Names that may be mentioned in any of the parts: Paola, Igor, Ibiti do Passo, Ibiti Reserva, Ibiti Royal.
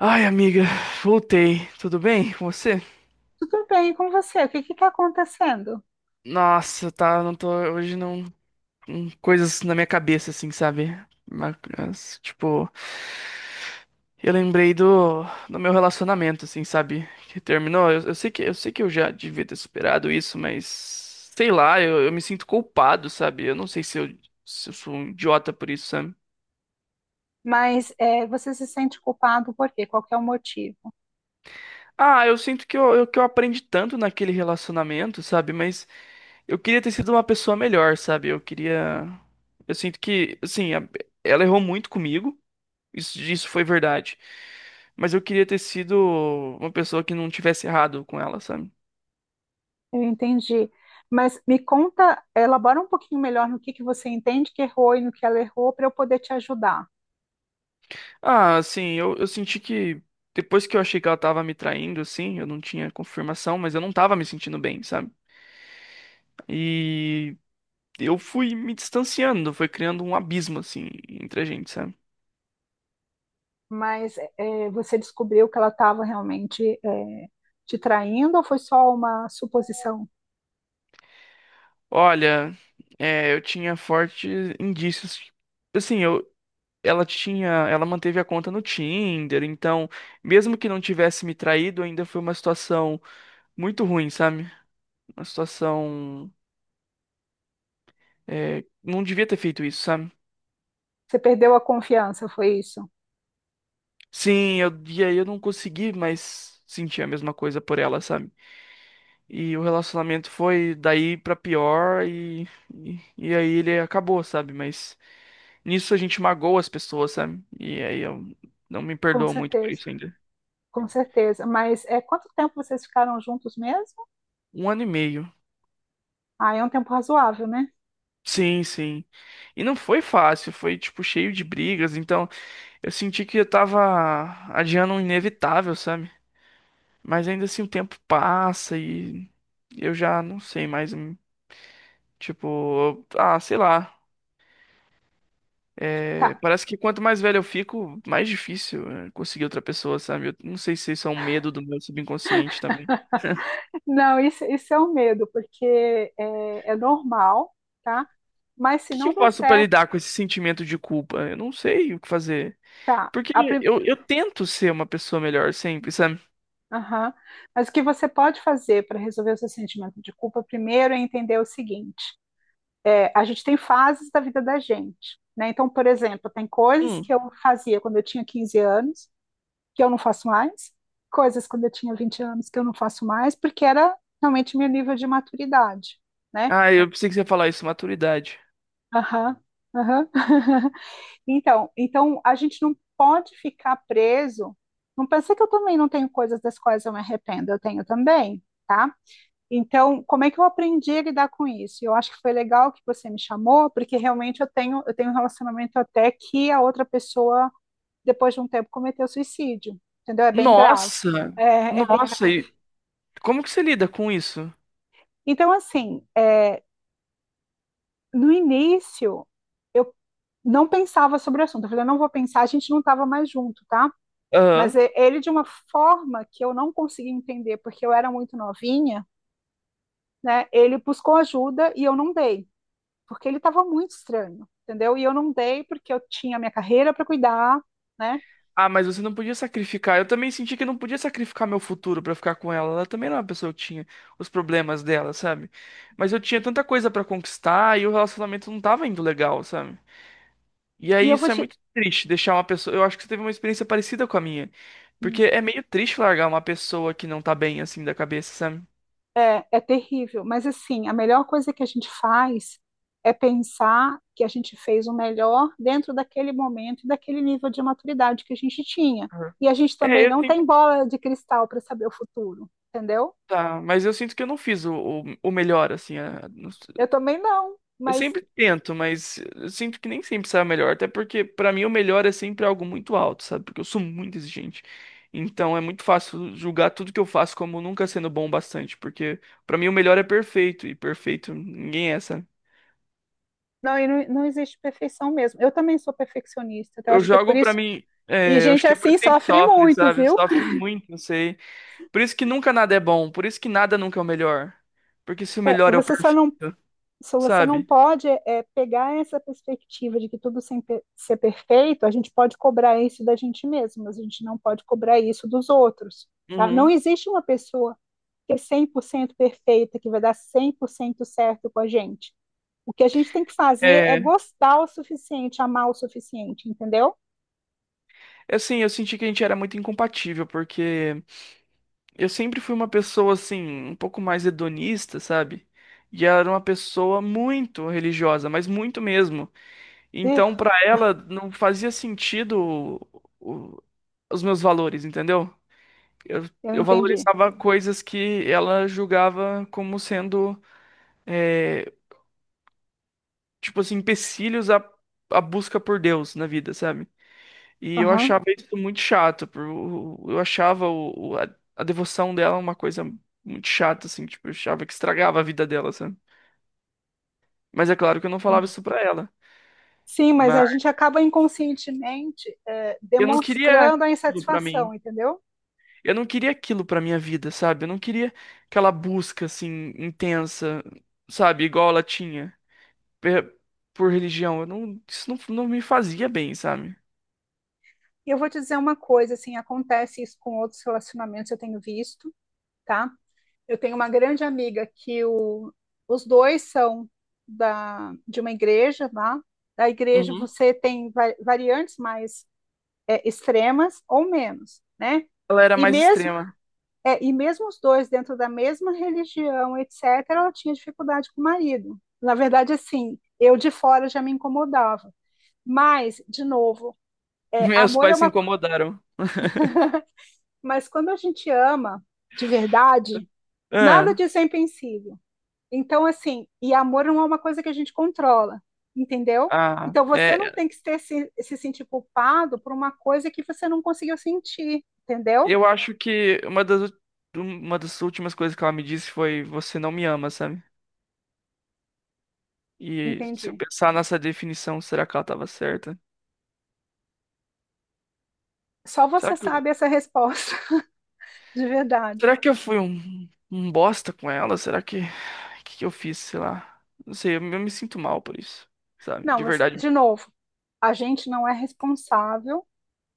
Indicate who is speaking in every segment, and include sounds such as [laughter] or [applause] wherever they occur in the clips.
Speaker 1: Ai, amiga, voltei. Tudo bem com você?
Speaker 2: Tudo bem com você? O que que está acontecendo?
Speaker 1: Nossa, tá, não tô, hoje não, coisas na minha cabeça, assim, sabe? Mas, tipo, eu lembrei do meu relacionamento, assim, sabe? Que terminou. Eu sei que eu já devia ter superado isso, mas sei lá, eu me sinto culpado, sabe? Eu não sei se eu sou um idiota por isso, sabe?
Speaker 2: Mas você se sente culpado por quê? Qual que é o motivo?
Speaker 1: Ah, eu sinto que eu aprendi tanto naquele relacionamento, sabe? Mas eu queria ter sido uma pessoa melhor, sabe? Eu queria. Eu sinto que, assim, ela errou muito comigo. Isso foi verdade. Mas eu queria ter sido uma pessoa que não tivesse errado com ela, sabe?
Speaker 2: Eu entendi. Mas me conta, elabora um pouquinho melhor no que você entende que errou e no que ela errou para eu poder te ajudar.
Speaker 1: Ah, assim, eu senti que depois que eu achei que ela tava me traindo, assim, eu não tinha confirmação, mas eu não tava me sentindo bem, sabe? E eu fui me distanciando, foi criando um abismo, assim, entre a gente, sabe?
Speaker 2: Mas você descobriu que ela estava realmente te traindo ou foi só uma suposição?
Speaker 1: Olha, é, eu tinha fortes indícios. Assim, ela manteve a conta no Tinder, então, mesmo que não tivesse me traído, ainda foi uma situação muito ruim, sabe? Uma situação, não devia ter feito isso, sabe?
Speaker 2: Você perdeu a confiança, foi isso?
Speaker 1: Sim, e aí eu não consegui mais sentir a mesma coisa por ela, sabe? E o relacionamento foi daí pra pior e aí ele acabou, sabe? Mas nisso a gente magoa as pessoas, sabe? E aí eu não me
Speaker 2: Com
Speaker 1: perdoo muito por
Speaker 2: certeza,
Speaker 1: isso ainda.
Speaker 2: com certeza. Mas quanto tempo vocês ficaram juntos mesmo?
Speaker 1: Um ano e meio.
Speaker 2: Ah, é um tempo razoável, né?
Speaker 1: Sim, sim. E não foi fácil, foi tipo cheio de brigas, então eu senti que eu tava adiando um inevitável, sabe? Mas ainda assim o tempo passa e eu já não sei mais, tipo, ah, sei lá.
Speaker 2: Tá.
Speaker 1: É, parece que quanto mais velho eu fico, mais difícil é conseguir outra pessoa, sabe? Eu não sei se isso é um medo do meu subconsciente também.
Speaker 2: Não, isso é um medo, porque é normal, tá? Mas se
Speaker 1: O que que
Speaker 2: não
Speaker 1: eu
Speaker 2: der
Speaker 1: faço pra
Speaker 2: certo,
Speaker 1: lidar com esse sentimento de culpa? Eu não sei o que fazer.
Speaker 2: tá?
Speaker 1: Porque
Speaker 2: A prim...
Speaker 1: eu tento ser uma pessoa melhor sempre, sabe?
Speaker 2: Aham. Mas o que você pode fazer para resolver o seu sentimento de culpa primeiro é entender o seguinte: a gente tem fases da vida da gente, né? Então, por exemplo, tem coisas
Speaker 1: Hum,
Speaker 2: que eu fazia quando eu tinha 15 anos, que eu não faço mais, coisas quando eu tinha 20 anos que eu não faço mais, porque era realmente meu nível de maturidade, né?
Speaker 1: Ah, eu pensei que você ia falar isso, maturidade.
Speaker 2: Aham, aham. [laughs] Então a gente não pode ficar preso. Não pensei que eu também não tenho coisas das quais eu me arrependo, eu tenho também, tá? Então, como é que eu aprendi a lidar com isso? Eu acho que foi legal que você me chamou, porque realmente eu tenho um relacionamento até que a outra pessoa, depois de um tempo, cometeu suicídio, entendeu? É bem grave.
Speaker 1: Nossa!
Speaker 2: É, é bem
Speaker 1: Nossa,
Speaker 2: grave.
Speaker 1: e como que você lida com isso?
Speaker 2: Então, assim, no início, eu não pensava sobre o assunto. Eu falei, eu não vou pensar, a gente não estava mais junto, tá? Mas
Speaker 1: Aham.
Speaker 2: ele, de uma forma que eu não consegui entender, porque eu era muito novinha, né? Ele buscou ajuda e eu não dei, porque ele estava muito estranho, entendeu? E eu não dei porque eu tinha minha carreira para cuidar, né?
Speaker 1: Ah, mas você não podia sacrificar. Eu também senti que eu não podia sacrificar meu futuro pra ficar com ela. Ela também era uma pessoa que tinha os problemas dela, sabe? Mas eu tinha tanta coisa pra conquistar e o relacionamento não tava indo legal, sabe? E
Speaker 2: E
Speaker 1: aí
Speaker 2: eu vou
Speaker 1: isso é
Speaker 2: te.
Speaker 1: muito triste, deixar uma pessoa. Eu acho que você teve uma experiência parecida com a minha. Porque é meio triste largar uma pessoa que não tá bem assim da cabeça, sabe?
Speaker 2: É, é terrível, mas assim, a melhor coisa que a gente faz é pensar que a gente fez o melhor dentro daquele momento e daquele nível de maturidade que a gente tinha.
Speaker 1: Aham.
Speaker 2: E a gente também
Speaker 1: É, eu
Speaker 2: não
Speaker 1: sinto
Speaker 2: tem bola de cristal para saber o futuro, entendeu?
Speaker 1: Tá, mas eu sinto que eu não fiz o melhor, assim. Não sei.
Speaker 2: Eu também não,
Speaker 1: Eu
Speaker 2: mas
Speaker 1: sempre tento, mas eu sinto que nem sempre sai o melhor. Até porque, pra mim, o melhor é sempre algo muito alto, sabe? Porque eu sou muito exigente. Então é muito fácil julgar tudo que eu faço como nunca sendo bom o bastante. Porque, pra mim, o melhor é perfeito. E perfeito ninguém é, sabe?
Speaker 2: não, e não existe perfeição mesmo. Eu também sou perfeccionista, então eu
Speaker 1: Eu
Speaker 2: acho que é por
Speaker 1: jogo pra
Speaker 2: isso.
Speaker 1: mim.
Speaker 2: E
Speaker 1: É, eu acho
Speaker 2: gente
Speaker 1: que é por
Speaker 2: assim
Speaker 1: isso que a gente
Speaker 2: sofre
Speaker 1: sofre,
Speaker 2: muito,
Speaker 1: sabe?
Speaker 2: viu?
Speaker 1: Sofre muito, não sei. Por isso que nunca nada é bom. Por isso que nada nunca é o melhor. Porque se o
Speaker 2: É,
Speaker 1: melhor é o
Speaker 2: você só
Speaker 1: perfeito,
Speaker 2: não, se você não
Speaker 1: sabe?
Speaker 2: pode pegar essa perspectiva de que tudo sem ser perfeito, a gente pode cobrar isso da gente mesmo, mas a gente não pode cobrar isso dos outros. Tá? Não
Speaker 1: Uhum.
Speaker 2: existe uma pessoa que é 100% perfeita, que vai dar 100% certo com a gente. O que a gente tem que fazer é
Speaker 1: É,
Speaker 2: gostar o suficiente, amar o suficiente, entendeu?
Speaker 1: e, assim, eu senti que a gente era muito incompatível, porque eu sempre fui uma pessoa, assim, um pouco mais hedonista, sabe? E ela era uma pessoa muito religiosa, mas muito mesmo.
Speaker 2: Ih,
Speaker 1: Então, pra ela, não fazia sentido o- os meus valores, entendeu? Eu,
Speaker 2: eu
Speaker 1: eu
Speaker 2: entendi.
Speaker 1: valorizava coisas que ela julgava como sendo, é, tipo assim, empecilhos à busca por Deus na vida, sabe? E eu
Speaker 2: Aham,
Speaker 1: achava isso muito chato. Eu achava a devoção dela uma coisa muito chata, assim. Tipo, eu achava que estragava a vida dela, sabe? Mas é claro que eu não falava
Speaker 2: entendi.
Speaker 1: isso pra ela.
Speaker 2: Sim, mas
Speaker 1: Mas
Speaker 2: a gente acaba inconscientemente
Speaker 1: eu não queria
Speaker 2: demonstrando a
Speaker 1: aquilo pra
Speaker 2: insatisfação,
Speaker 1: mim.
Speaker 2: entendeu?
Speaker 1: Eu não queria aquilo pra minha vida, sabe? Eu não queria aquela busca, assim, intensa, sabe? Igual ela tinha per- por religião. Eu não, isso não, não me fazia bem, sabe?
Speaker 2: Eu vou te dizer uma coisa, assim, acontece isso com outros relacionamentos, eu tenho visto, tá? Eu tenho uma grande amiga que o, os dois são da, de uma igreja, tá? Da igreja
Speaker 1: Uhum.
Speaker 2: você tem variantes mais extremas ou menos, né?
Speaker 1: Ela era
Speaker 2: E
Speaker 1: mais
Speaker 2: mesmo,
Speaker 1: extrema. [laughs]
Speaker 2: e mesmo os dois dentro da mesma religião, etc., ela tinha dificuldade com o marido. Na verdade, assim, eu de fora já me incomodava. Mas, de novo,
Speaker 1: Meus
Speaker 2: amor é
Speaker 1: pais se
Speaker 2: uma.
Speaker 1: incomodaram. [laughs]
Speaker 2: Mas quando a gente ama de verdade, nada
Speaker 1: Ah,
Speaker 2: disso é impensável. Então, assim, e amor não é uma coisa que a gente controla, entendeu?
Speaker 1: ah,
Speaker 2: Então, você não tem que ter, se sentir culpado por uma coisa que você não conseguiu sentir, entendeu?
Speaker 1: eu acho que uma das últimas coisas que ela me disse foi: Você não me ama, sabe? E se eu
Speaker 2: Entendi.
Speaker 1: pensar nessa definição, será que ela tava certa?
Speaker 2: Só
Speaker 1: Será
Speaker 2: você
Speaker 1: que eu,
Speaker 2: sabe essa resposta, [laughs] de verdade.
Speaker 1: será que eu fui um, bosta com ela? Será que. O que que eu fiz? Sei lá. Não sei, eu me sinto mal por isso, sabe?
Speaker 2: Não,
Speaker 1: De
Speaker 2: você-
Speaker 1: verdade.
Speaker 2: de novo, a gente não é responsável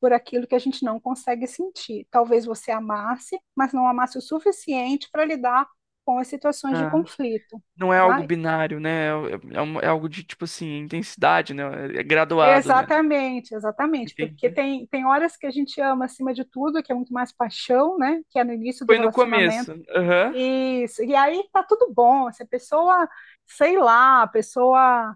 Speaker 2: por aquilo que a gente não consegue sentir. Talvez você amasse, mas não amasse o suficiente para lidar com as situações de
Speaker 1: Ah.
Speaker 2: conflito,
Speaker 1: Não é algo
Speaker 2: tá?
Speaker 1: binário, né? É, é algo de, tipo assim, intensidade, né? É graduado, né?
Speaker 2: Exatamente, exatamente, porque
Speaker 1: Entendi.
Speaker 2: tem horas que a gente ama acima de tudo, que é muito mais paixão, né? Que é no início do
Speaker 1: Foi no
Speaker 2: relacionamento.
Speaker 1: começo. Aham.
Speaker 2: Isso, e aí tá tudo bom. Se a pessoa, sei lá, a pessoa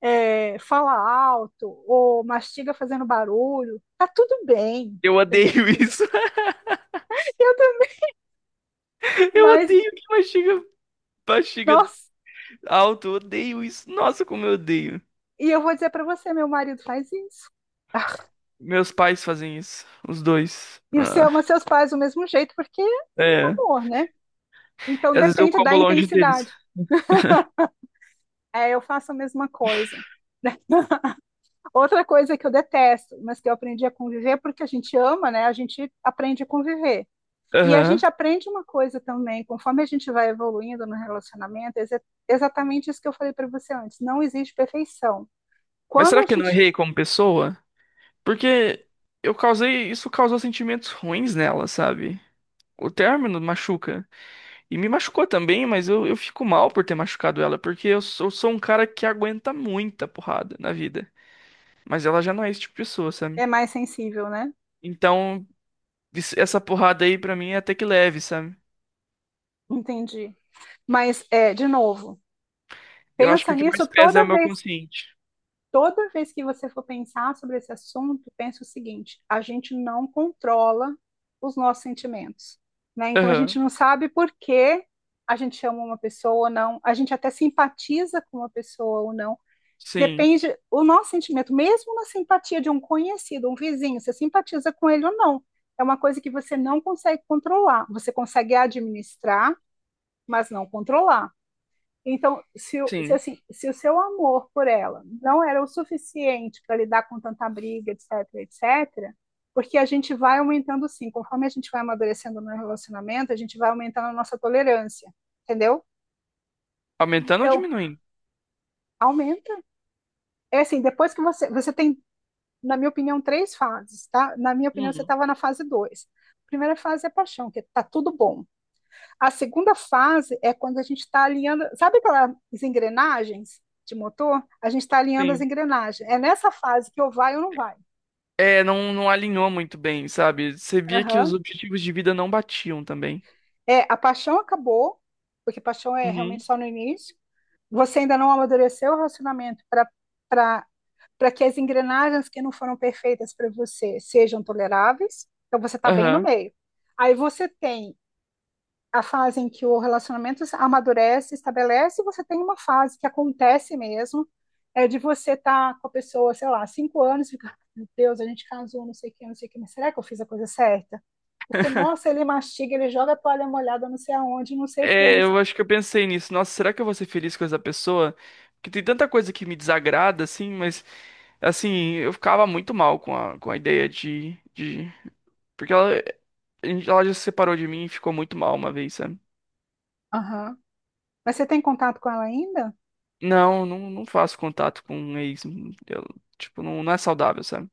Speaker 2: fala alto ou mastiga fazendo barulho, tá tudo bem,
Speaker 1: Eu
Speaker 2: entendeu?
Speaker 1: odeio isso. [laughs]
Speaker 2: Eu também,
Speaker 1: Eu
Speaker 2: mas,
Speaker 1: odeio que mastiga. Bexiga
Speaker 2: nossa,
Speaker 1: alto, eu odeio isso. Nossa, como eu odeio.
Speaker 2: e eu vou dizer para você, meu marido faz isso. [laughs]
Speaker 1: Meus pais fazem isso, os dois.
Speaker 2: E você
Speaker 1: Ah,
Speaker 2: ama seus pais do mesmo jeito, porque
Speaker 1: é.
Speaker 2: é amor, né? Então
Speaker 1: E às vezes eu
Speaker 2: depende
Speaker 1: como
Speaker 2: da
Speaker 1: longe deles.
Speaker 2: intensidade. É, eu faço a mesma coisa. Né? Outra coisa que eu detesto, mas que eu aprendi a conviver, porque a gente ama, né? A gente aprende a conviver. E a
Speaker 1: Aham.
Speaker 2: gente aprende uma coisa também, conforme a gente vai evoluindo no relacionamento, é exatamente isso que eu falei para você antes. Não existe perfeição.
Speaker 1: Mas
Speaker 2: Quando
Speaker 1: será
Speaker 2: a
Speaker 1: que eu não
Speaker 2: gente
Speaker 1: errei como pessoa? Porque isso causou sentimentos ruins nela, sabe? O término machuca. E me machucou também, mas eu fico mal por ter machucado ela, porque eu sou um cara que aguenta muita porrada na vida. Mas ela já não é esse tipo de pessoa, sabe?
Speaker 2: é mais sensível, né?
Speaker 1: Então, essa porrada aí pra mim é até que leve, sabe?
Speaker 2: Entendi. Mas, de novo,
Speaker 1: Eu acho que
Speaker 2: pensa
Speaker 1: o que
Speaker 2: nisso
Speaker 1: mais pesa é o meu consciente.
Speaker 2: toda vez que você for pensar sobre esse assunto, pense o seguinte: a gente não controla os nossos sentimentos, né? Então a gente
Speaker 1: Aham.
Speaker 2: não sabe por que a gente ama uma pessoa ou não, a gente até simpatiza com uma pessoa ou não.
Speaker 1: Sim,
Speaker 2: Depende o nosso sentimento, mesmo na simpatia de um conhecido, um vizinho, você simpatiza com ele ou não. É uma coisa que você não consegue controlar. Você consegue administrar, mas não controlar. Então, se,
Speaker 1: sim.
Speaker 2: assim, se o seu amor por ela não era o suficiente para lidar com tanta briga, etc, etc, porque a gente vai aumentando sim, conforme a gente vai amadurecendo no relacionamento, a gente vai aumentando a nossa tolerância, entendeu?
Speaker 1: Aumentando ou
Speaker 2: Então,
Speaker 1: diminuindo?
Speaker 2: aumenta. É assim, depois que você, você tem, na minha opinião, três fases, tá? Na minha opinião, você
Speaker 1: Hum,
Speaker 2: estava na fase dois. A primeira fase é paixão, que tá tudo bom. A segunda fase é quando a gente está alinhando, sabe aquelas engrenagens de motor? A gente está alinhando as
Speaker 1: sim.
Speaker 2: engrenagens. É nessa fase que eu vai ou não vai.
Speaker 1: É, não, não alinhou muito bem, sabe? Você via que os
Speaker 2: Aham.
Speaker 1: objetivos de vida não batiam também.
Speaker 2: É, a paixão acabou, porque paixão é realmente
Speaker 1: Uhum.
Speaker 2: só no início. Você ainda não amadureceu o relacionamento para para que as engrenagens que não foram perfeitas para você sejam toleráveis. Então você está bem no
Speaker 1: Aham.
Speaker 2: meio. Aí você tem a fase em que o relacionamento amadurece, estabelece, você tem uma fase que acontece mesmo, é de você estar tá com a pessoa, sei lá, 5 anos, e ficar, meu Deus, a gente casou, não sei o que, não sei o que, mas será que eu fiz a coisa certa? Porque, nossa, ele mastiga, ele joga a toalha molhada não sei aonde, não sei o que, não
Speaker 1: É,
Speaker 2: sei...
Speaker 1: eu acho que eu pensei nisso. Nossa, será que eu vou ser feliz com essa pessoa? Porque tem tanta coisa que me desagrada, assim, mas, assim, eu ficava muito mal com a ideia de. Porque ela já se separou de mim e ficou muito mal uma vez, sabe?
Speaker 2: Aham. Mas você tem contato com ela ainda?
Speaker 1: Não, não, não faço contato com um ex. Eu, tipo, não, não é saudável, sabe?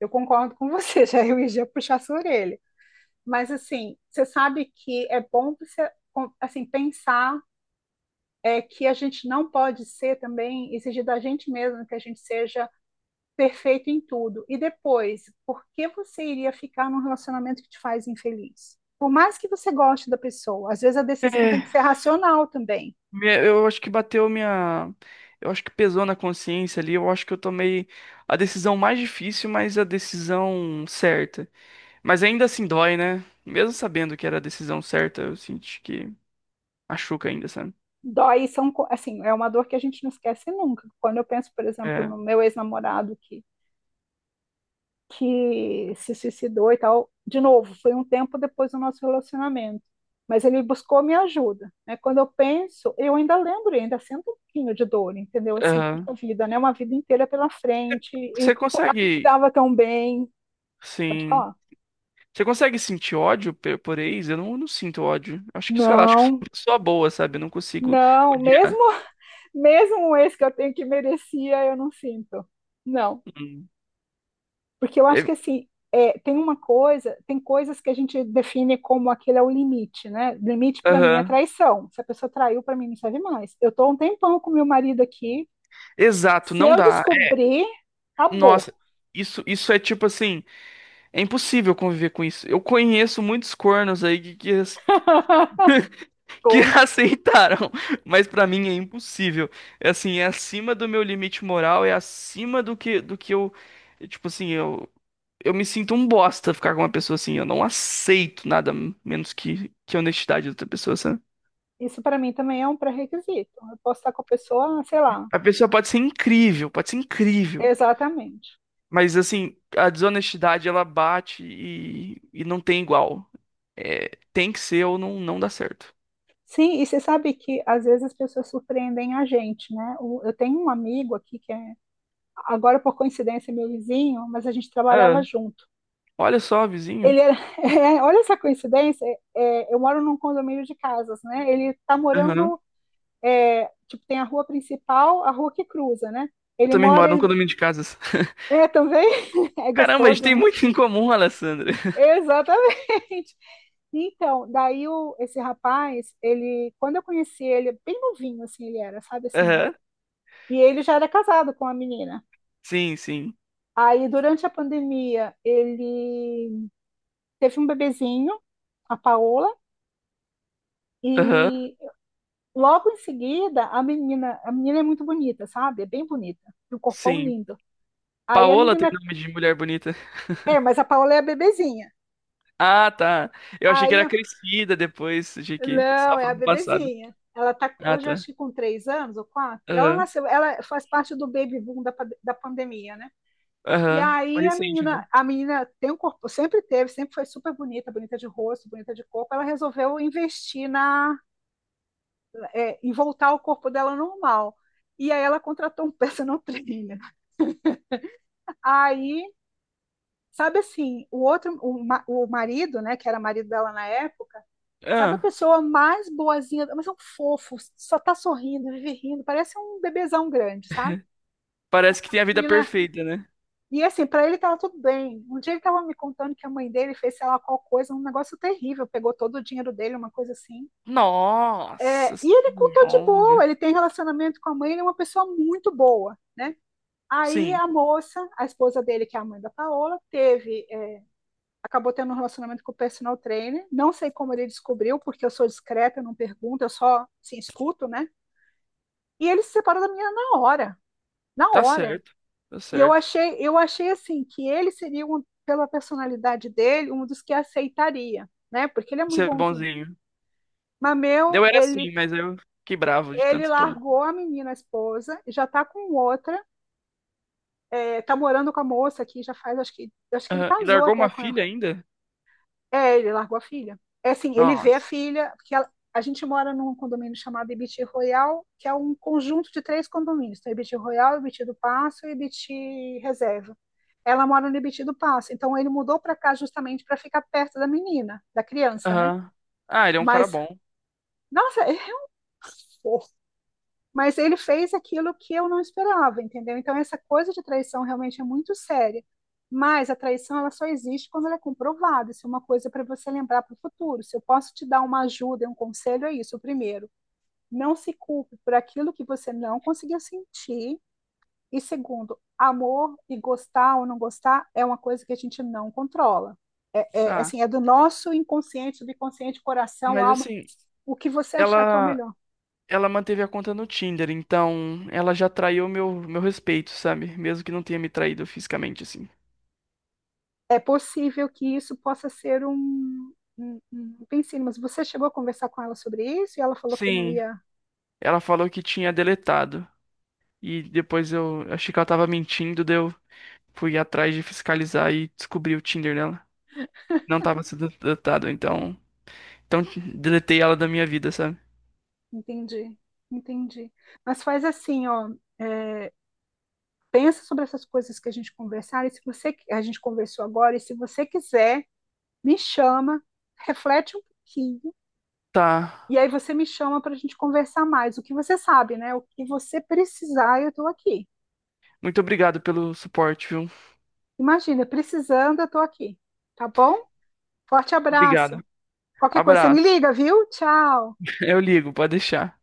Speaker 2: Eu concordo com você, [laughs] já eu ia puxar sua orelha. Mas, assim, você sabe que é bom você, assim, pensar que a gente não pode ser também exigir da gente mesmo que a gente seja perfeito em tudo. E depois, por que você iria ficar num relacionamento que te faz infeliz? Por mais que você goste da pessoa, às vezes a decisão tem que
Speaker 1: É,
Speaker 2: ser racional também.
Speaker 1: eu acho que bateu minha. Eu acho que pesou na consciência ali. Eu acho que eu tomei a decisão mais difícil, mas a decisão certa. Mas ainda assim dói, né? Mesmo sabendo que era a decisão certa, eu senti que machuca ainda, sabe?
Speaker 2: Dói são assim, é uma dor que a gente não esquece nunca. Quando eu penso, por exemplo,
Speaker 1: É.
Speaker 2: no meu ex-namorado que se suicidou e tal. De novo, foi um tempo depois do nosso relacionamento, mas ele buscou minha ajuda, né? Quando eu penso, eu ainda lembro, eu ainda sinto um pouquinho de dor, entendeu? Assim, puxa
Speaker 1: Aham.
Speaker 2: vida, né? Uma vida inteira pela frente
Speaker 1: Você
Speaker 2: e pô, a gente
Speaker 1: consegue,
Speaker 2: estava tão bem. Pode
Speaker 1: sim.
Speaker 2: falar.
Speaker 1: Você consegue sentir ódio por ex? Eu não sinto ódio. Acho que, sei lá, acho que sou
Speaker 2: Não,
Speaker 1: uma pessoa boa, sabe? Eu não consigo
Speaker 2: não, mesmo
Speaker 1: odiar.
Speaker 2: [laughs] mesmo um ex que eu tenho que merecia, eu não sinto. Não.
Speaker 1: Hum.
Speaker 2: Porque eu acho que
Speaker 1: É-
Speaker 2: assim, tem uma coisa, tem coisas que a gente define como aquele é o limite, né? Limite para mim é
Speaker 1: aham.
Speaker 2: traição. Se a pessoa traiu, para mim não serve mais. Eu tô há um tempão com meu marido aqui.
Speaker 1: Exato,
Speaker 2: Se
Speaker 1: não
Speaker 2: eu
Speaker 1: dá.
Speaker 2: descobrir, acabou.
Speaker 1: Nossa, isso é tipo assim, é impossível conviver com isso. Eu conheço muitos cornos aí
Speaker 2: [laughs]
Speaker 1: [laughs] que
Speaker 2: Cor-.
Speaker 1: aceitaram, mas pra mim é impossível. É assim, é acima do meu limite moral, é acima do que eu, tipo assim, eu me sinto um bosta ficar com uma pessoa assim. Eu não aceito nada menos que a honestidade da outra pessoa, sabe?
Speaker 2: Isso para mim também é um pré-requisito. Eu posso estar com a pessoa, sei lá,
Speaker 1: A pessoa pode ser incrível, pode ser incrível.
Speaker 2: exatamente.
Speaker 1: Mas assim, a desonestidade ela bate e não tem igual. É, tem que ser ou não, não dá certo.
Speaker 2: Sim, e você sabe que às vezes as pessoas surpreendem a gente, né? O- eu tenho um amigo aqui que é, agora por coincidência, é meu vizinho, mas a gente trabalhava
Speaker 1: Ah,
Speaker 2: junto.
Speaker 1: olha só, vizinho.
Speaker 2: Ele era, [laughs] é, olha essa coincidência, é, eu moro num condomínio de casas, né? Ele está
Speaker 1: Aham.
Speaker 2: morando, é, tipo, tem a rua principal, a rua que cruza, né?
Speaker 1: Eu
Speaker 2: Ele
Speaker 1: também
Speaker 2: mora,
Speaker 1: moro num condomínio de casas. [laughs]
Speaker 2: é, também, [laughs] é
Speaker 1: Caramba, a gente
Speaker 2: gostoso,
Speaker 1: tem
Speaker 2: né?
Speaker 1: muito em comum, Alessandra.
Speaker 2: Exatamente. Então, daí o, esse rapaz, ele, quando eu conheci ele, bem novinho assim ele era, sabe assim?
Speaker 1: Aham.
Speaker 2: E ele já era casado com a menina.
Speaker 1: Sim, sim.
Speaker 2: Aí, durante a pandemia, ele teve um bebezinho, a Paola,
Speaker 1: Aham.
Speaker 2: e logo em seguida, a menina é muito bonita, sabe? É bem bonita, e um corpão
Speaker 1: Sim.
Speaker 2: lindo. Aí a
Speaker 1: Paola tem
Speaker 2: menina,
Speaker 1: nome de mulher bonita.
Speaker 2: é, mas a Paola é a bebezinha.
Speaker 1: Ah, tá. Eu achei que
Speaker 2: Aí,
Speaker 1: era crescida depois. Achei que
Speaker 2: não,
Speaker 1: estava
Speaker 2: é a
Speaker 1: falando do passado.
Speaker 2: bebezinha. Ela tá,
Speaker 1: Ah,
Speaker 2: hoje acho
Speaker 1: tá.
Speaker 2: que com 3 anos ou quatro. Ela
Speaker 1: Aham.
Speaker 2: nasceu, ela faz parte do baby boom da, da pandemia, né? E
Speaker 1: Aham. Foi
Speaker 2: aí
Speaker 1: recente, então.
Speaker 2: a menina tem um corpo, sempre teve, sempre foi super bonita, bonita de rosto, bonita de corpo. Ela resolveu investir na, em voltar ao corpo dela normal. E aí ela contratou um personal trainer. Aí sabe assim, o outro, o, o marido, né, que era marido dela na época, sabe a
Speaker 1: Ah,
Speaker 2: pessoa mais boazinha, mas é um fofo, só tá sorrindo, vive rindo, parece um bebezão grande, sabe?
Speaker 1: parece que tem a vida
Speaker 2: E, né,
Speaker 1: perfeita, né?
Speaker 2: e assim, pra ele tava tudo bem. Um dia ele tava me contando que a mãe dele fez, sei lá, qual coisa, um negócio terrível, pegou todo o dinheiro dele, uma coisa assim.
Speaker 1: Nossa
Speaker 2: É, e ele contou de boa,
Speaker 1: senhora.
Speaker 2: ele tem relacionamento com a mãe, ele é uma pessoa muito boa, né? Aí
Speaker 1: Sim,
Speaker 2: a moça, a esposa dele, que é a mãe da Paola, teve acabou tendo um relacionamento com o personal trainer. Não sei como ele descobriu, porque eu sou discreta, eu não pergunto, eu só assim, escuto, né? E ele se separou da menina na hora, na
Speaker 1: tá
Speaker 2: hora.
Speaker 1: certo. Tá
Speaker 2: E
Speaker 1: certo.
Speaker 2: eu achei assim que ele seria um, pela personalidade dele, um dos que aceitaria, né? Porque ele é muito
Speaker 1: Você é
Speaker 2: bonzinho.
Speaker 1: bonzinho.
Speaker 2: Mas meu,
Speaker 1: Eu era assim,
Speaker 2: ele
Speaker 1: mas eu fiquei bravo de
Speaker 2: ele
Speaker 1: tanto tomar.
Speaker 2: largou a menina, a esposa, já tá com outra, tá morando com a moça aqui, já faz, acho que ele
Speaker 1: Aham. E
Speaker 2: casou
Speaker 1: largou
Speaker 2: até
Speaker 1: uma
Speaker 2: com.
Speaker 1: filha ainda?
Speaker 2: É, ele largou a filha. É assim, ele vê a
Speaker 1: Nossa.
Speaker 2: filha, porque ela- a gente mora num condomínio chamado Ibiti Royal, que é um conjunto de três condomínios. Então, Ibiti Royal, Ibiti do Passo e Ibiti Reserva. Ela mora no Ibiti do Passo, então ele mudou para cá justamente para ficar perto da menina, da criança, né?
Speaker 1: Aham. Ah, ele é um cara
Speaker 2: Mas,
Speaker 1: bom.
Speaker 2: nossa, [laughs] é, mas ele fez aquilo que eu não esperava, entendeu? Então essa coisa de traição realmente é muito séria. Mas a traição ela só existe quando ela é comprovada. Isso é uma coisa para você lembrar para o futuro. Se eu posso te dar uma ajuda, um conselho, é isso. Primeiro, não se culpe por aquilo que você não conseguiu sentir. E segundo, amor e gostar ou não gostar é uma coisa que a gente não controla.
Speaker 1: Tá.
Speaker 2: Assim, é do nosso inconsciente, do inconsciente, coração,
Speaker 1: Mas
Speaker 2: alma,
Speaker 1: assim,
Speaker 2: o que você achar que é o
Speaker 1: ela
Speaker 2: melhor.
Speaker 1: ela manteve a conta no Tinder, então ela já traiu meu respeito, sabe? Mesmo que não tenha me traído fisicamente assim.
Speaker 2: É possível que isso possa ser um, um, um pensino, mas você chegou a conversar com ela sobre isso e ela falou que não
Speaker 1: Sim,
Speaker 2: ia.
Speaker 1: ela falou que tinha deletado. E depois eu achei que ela tava mentindo, deu. Fui atrás de fiscalizar e descobri o Tinder nela. Não tava sendo datado, então. Então deletei ela da minha vida, sabe?
Speaker 2: Entendi, entendi. Mas faz assim, ó, é, pensa sobre essas coisas que a gente conversar, e se você a gente conversou agora, e se você quiser, me chama, reflete um pouquinho,
Speaker 1: Tá.
Speaker 2: e aí você me chama para a gente conversar mais. O que você sabe, né? O que você precisar, eu estou aqui.
Speaker 1: Muito obrigado pelo suporte, viu?
Speaker 2: Imagina, precisando, eu estou aqui. Tá bom? Forte
Speaker 1: Obrigado.
Speaker 2: abraço. Qualquer coisa, você me
Speaker 1: Abraço.
Speaker 2: liga, viu? Tchau.
Speaker 1: [laughs] Eu ligo, pode deixar.